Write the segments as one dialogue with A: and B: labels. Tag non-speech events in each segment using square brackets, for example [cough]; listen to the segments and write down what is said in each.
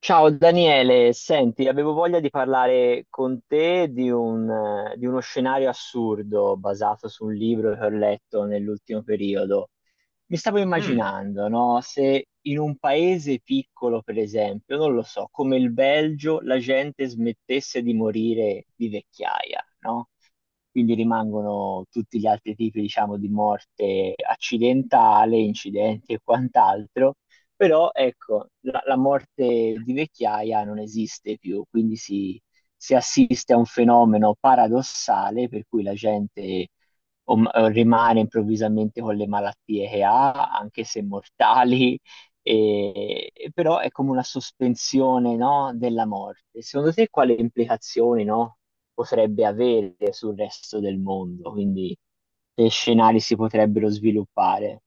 A: Ciao Daniele, senti, avevo voglia di parlare con te di uno scenario assurdo basato su un libro che ho letto nell'ultimo periodo. Mi stavo
B: Mm,
A: immaginando, no? Se in un paese piccolo, per esempio, non lo so, come il Belgio, la gente smettesse di morire di vecchiaia, no? Quindi rimangono tutti gli altri tipi, diciamo, di morte accidentale, incidenti e quant'altro, però ecco, la morte di vecchiaia non esiste più, quindi si assiste a un fenomeno paradossale per cui la gente o rimane improvvisamente con le malattie che ha, anche se mortali, e però è come una sospensione, no, della morte. Secondo te quali implicazioni, no, potrebbe avere sul resto del mondo? Quindi che scenari si potrebbero sviluppare?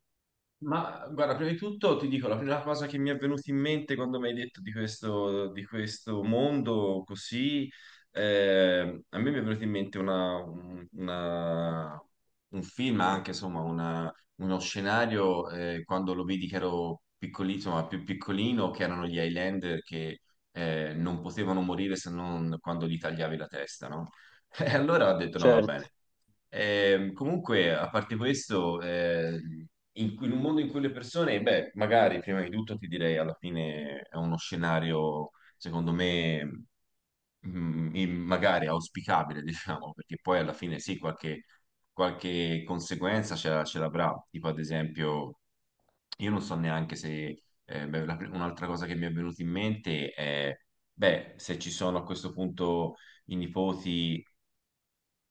B: ma guarda, prima di tutto ti dico, la prima cosa che mi è venuta in mente quando mi hai detto di questo mondo così, a me mi è venuta in mente una- un film, anche insomma uno scenario, quando lo vidi che ero piccolino, ma più piccolino, che erano gli Highlander che non potevano morire se non quando gli tagliavi la testa, no? [laughs] E allora ho detto no, va
A: Certo,
B: bene. Comunque, a parte questo, in un mondo in cui le persone, beh, magari prima di tutto ti direi alla fine è uno scenario, secondo me, magari auspicabile, [laughs] diciamo, perché poi alla fine sì, qualche, qualche conseguenza ce l'avrà. Tipo, ad esempio, io non so neanche se, beh, un'altra cosa che mi è venuta in mente è, beh, se ci sono a questo punto i nipoti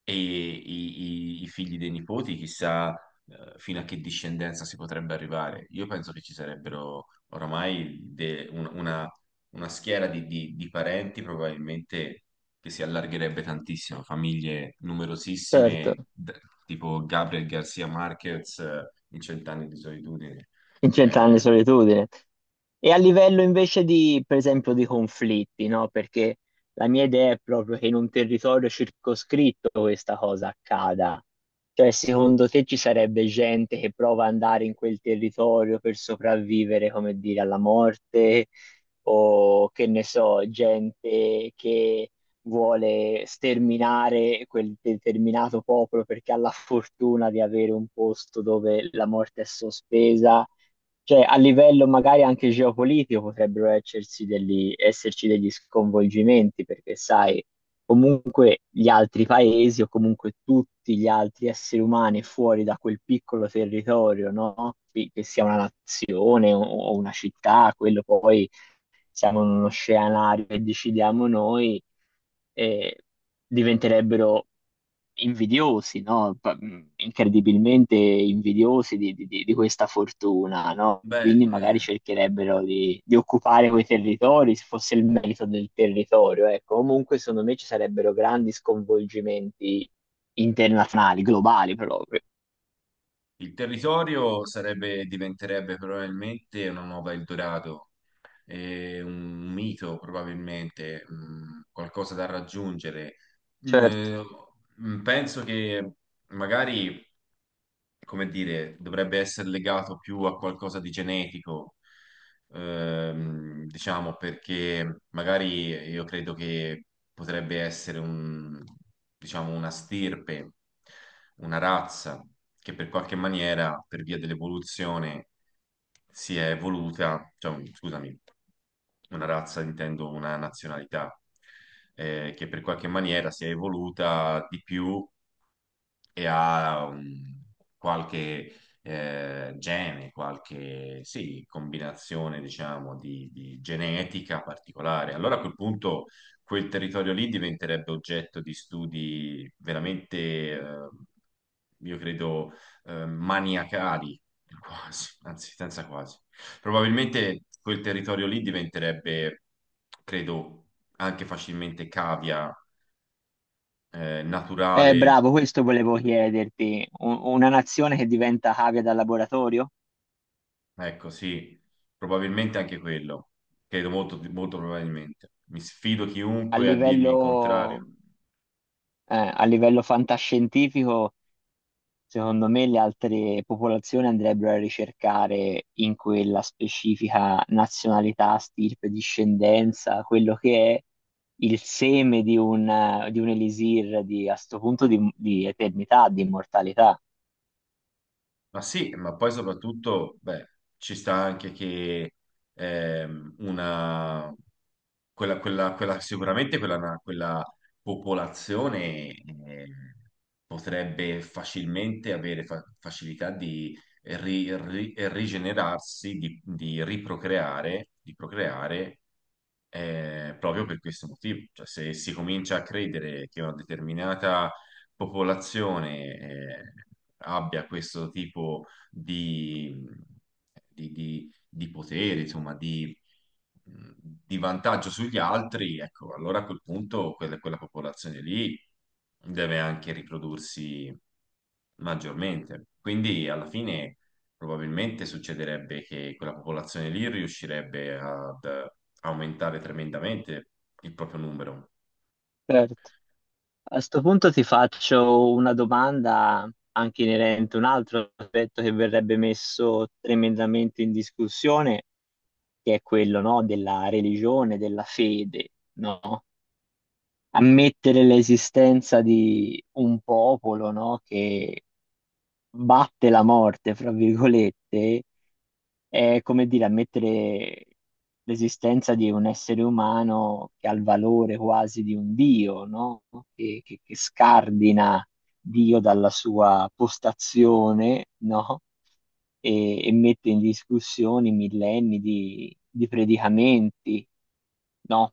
B: e i figli dei nipoti, chissà, fino a che discendenza si potrebbe arrivare. Io penso che ci sarebbero oramai una schiera di, di parenti probabilmente che si allargherebbe tantissimo, famiglie
A: certo.
B: numerosissime, tipo Gabriel Garcia Marquez in Cent'anni di solitudine.
A: In Cent'anni di
B: Eh,
A: solitudine. E a livello invece di, per esempio, di conflitti, no? Perché la mia idea è proprio che in un territorio circoscritto questa cosa accada. Cioè, secondo te ci sarebbe gente che prova ad andare in quel territorio per sopravvivere, come dire, alla morte, o che ne so, gente che vuole sterminare quel determinato popolo perché ha la fortuna di avere un posto dove la morte è sospesa. Cioè, a livello magari anche geopolitico potrebbero esserci degli sconvolgimenti, perché sai, comunque gli altri paesi o comunque tutti gli altri esseri umani fuori da quel piccolo territorio, no? Che sia una nazione o una città, quello poi siamo in uno scenario che decidiamo noi, eh, diventerebbero invidiosi, no? Incredibilmente invidiosi di questa fortuna, no?
B: beh,
A: Quindi magari
B: eh,
A: cercherebbero di occupare quei territori, se fosse il merito del territorio, ecco. Comunque, secondo me ci sarebbero grandi sconvolgimenti internazionali, globali proprio.
B: il territorio sarebbe, diventerebbe probabilmente una nuova Eldorado, un mito probabilmente, mm, qualcosa da raggiungere.
A: Certo.
B: Mm, mm. Penso che magari, come dire, dovrebbe essere legato più a qualcosa di genetico, diciamo, perché magari io credo che potrebbe essere un, diciamo, una stirpe, una razza che per qualche maniera, per via dell'evoluzione, si è evoluta, cioè, scusami, una razza intendo una nazionalità, che per qualche maniera si è evoluta di più e ha qualche gene, qualche sì, combinazione, diciamo, di genetica particolare. Allora a quel punto quel territorio lì diventerebbe oggetto di studi veramente, io credo, maniacali, quasi, anzi, senza quasi. Probabilmente quel territorio lì diventerebbe, credo, anche facilmente cavia, naturale.
A: Bravo, questo volevo chiederti. Una nazione che diventa cavia da laboratorio?
B: Ecco, sì, probabilmente anche quello. Credo molto, molto probabilmente. Mi sfido
A: a
B: chiunque a dirmi il contrario.
A: livello, a livello fantascientifico, secondo me le altre popolazioni andrebbero a ricercare in quella specifica nazionalità, stirpe, discendenza, quello che è il seme di un elisir di, a sto punto di eternità, di immortalità.
B: Ma sì, ma poi soprattutto, beh, ci sta anche che ehm, una, quella, sicuramente quella popolazione eh, potrebbe facilmente avere facilità di rigenerarsi, di riprocreare, di procreare, proprio per questo motivo. Cioè, se si comincia a credere che una determinata popolazione abbia questo tipo di, di potere, insomma, di vantaggio sugli altri, ecco, allora a quel punto quella popolazione lì deve anche riprodursi maggiormente. Quindi alla fine probabilmente succederebbe che quella popolazione lì riuscirebbe ad aumentare tremendamente il proprio numero.
A: Certo. A sto punto ti faccio una domanda anche inerente a un altro aspetto che verrebbe messo tremendamente in discussione che è quello, no, della religione, della fede, no? Ammettere l'esistenza di un popolo, no, che batte la morte, fra virgolette, è come dire ammettere l'esistenza di un essere umano che ha il valore quasi di un Dio, no? Che scardina Dio dalla sua postazione, no? E mette in discussione millenni di predicamenti, no?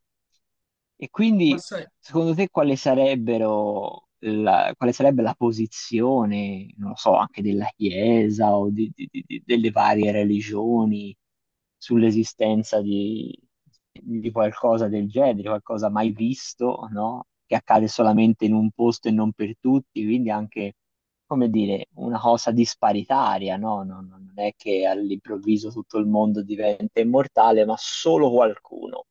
A: E
B: Ma
A: quindi,
B: sai,
A: secondo te, quale sarebbe la posizione, non lo so, anche della Chiesa o delle varie religioni sull'esistenza di qualcosa del genere, di qualcosa mai visto, no? Che accade solamente in un posto e non per tutti, quindi anche, come dire, una cosa disparitaria, no? Non è che all'improvviso tutto il mondo diventa immortale, ma solo qualcuno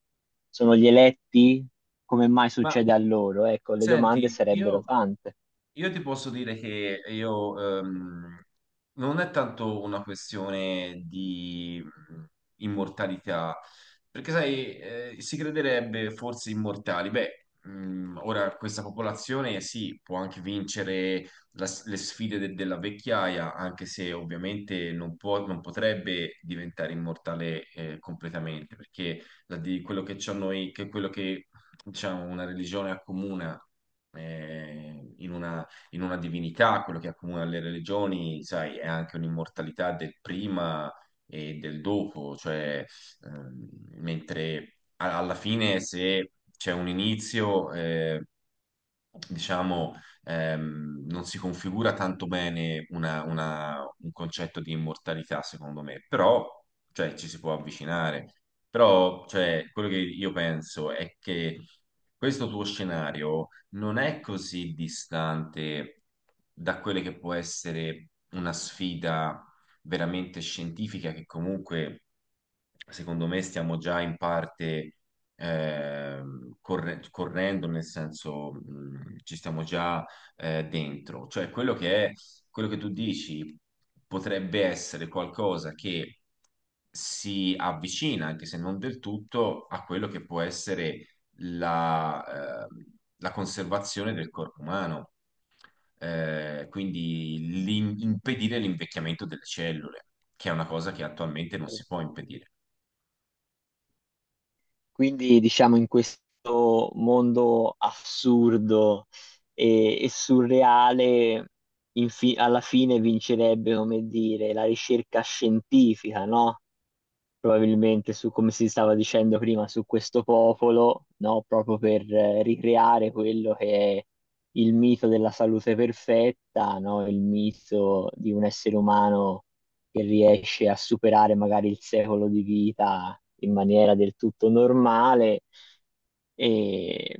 A: sono gli eletti, come mai
B: ma
A: succede a loro? Ecco, le domande
B: senti,
A: sarebbero
B: io
A: tante.
B: Io ti posso dire che io non è tanto una questione di immortalità, perché sai, si crederebbe forse immortali. Beh, ora questa popolazione sì, può anche vincere le sfide della vecchiaia, anche se ovviamente non può, non potrebbe diventare immortale completamente, perché di quello che c'ho noi, che quello che diciamo una religione accomuna eh, in una in una divinità, quello che accomuna le religioni, sai, è anche un'immortalità del prima e del dopo, cioè, ehm, mentre alla fine se c'è un inizio, diciamo, non si configura tanto bene un concetto di immortalità, secondo me, però, cioè, ci si può avvicinare. Però, cioè, quello che io penso è che questo tuo scenario non è così distante da quella che può essere una sfida veramente scientifica che comunque, secondo me, stiamo già in parte correndo, nel senso ci stiamo già dentro. Cioè quello che è, quello che tu dici potrebbe essere qualcosa che si avvicina, anche se non del tutto, a quello che può essere la, la conservazione del corpo umano. Quindi impedire l'invecchiamento delle cellule, che è una cosa che attualmente non si può impedire.
A: Quindi, diciamo, in questo mondo assurdo e surreale, alla fine vincerebbe, come dire, la ricerca scientifica, no? Probabilmente su, come si stava dicendo prima, su questo popolo, no? Proprio per ricreare quello che è il mito della salute perfetta, no? Il mito di un essere umano che riesce a superare magari il secolo di vita in maniera del tutto normale e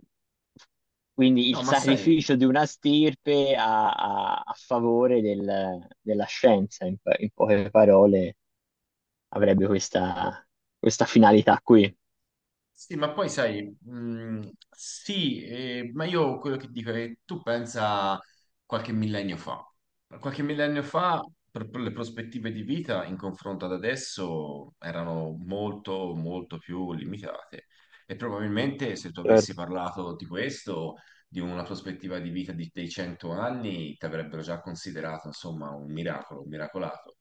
A: quindi il
B: No, ma sai.
A: sacrificio di una stirpe a favore della scienza, in poche parole avrebbe questa finalità qui.
B: Sì, ma poi sai, sì, ma io quello che dico è che tu pensa qualche millennio fa. Qualche millennio fa, per le prospettive di vita in confronto ad adesso erano molto, molto più limitate. E probabilmente se tu avessi
A: Certo.
B: parlato di questo, di una prospettiva di vita di, dei 100 anni, ti avrebbero già considerato, insomma, un miracolo, un miracolato.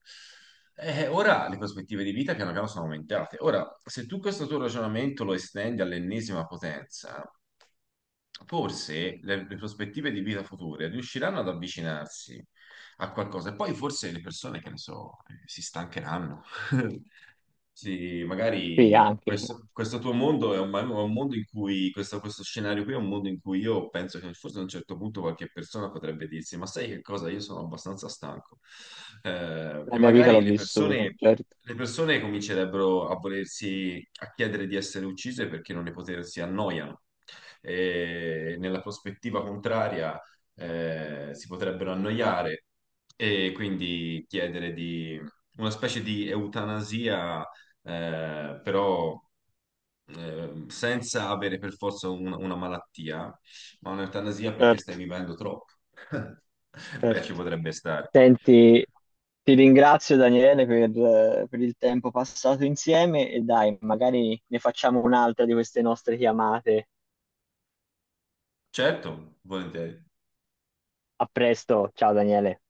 B: Ora le prospettive di vita piano piano sono aumentate. Ora, se tu questo tuo ragionamento lo estendi all'ennesima potenza, forse le prospettive di vita future riusciranno ad avvicinarsi a qualcosa e poi forse le persone, che ne so, si stancheranno. [laughs] Sì,
A: Sì,
B: magari
A: anche
B: questo, questo tuo mondo è un mondo in cui, questo scenario qui è un mondo in cui io penso che forse a un certo punto qualche persona potrebbe dirsi, ma sai che cosa? Io sono abbastanza stanco. E
A: la mia vita l'ho
B: magari
A: vissuta, certo.
B: le persone comincerebbero a volersi, a chiedere di essere uccise perché non ne potersi annoiano. E nella prospettiva contraria, si potrebbero annoiare e quindi chiedere di una specie di eutanasia, però senza avere per forza una malattia, ma un'eutanasia perché stai
A: Certo,
B: vivendo troppo. [laughs] Beh, ci
A: certo.
B: potrebbe stare.
A: Senti, ti ringrazio Daniele per il tempo passato insieme e dai, magari ne facciamo un'altra di queste nostre chiamate.
B: Certo, volentieri.
A: A presto, ciao Daniele.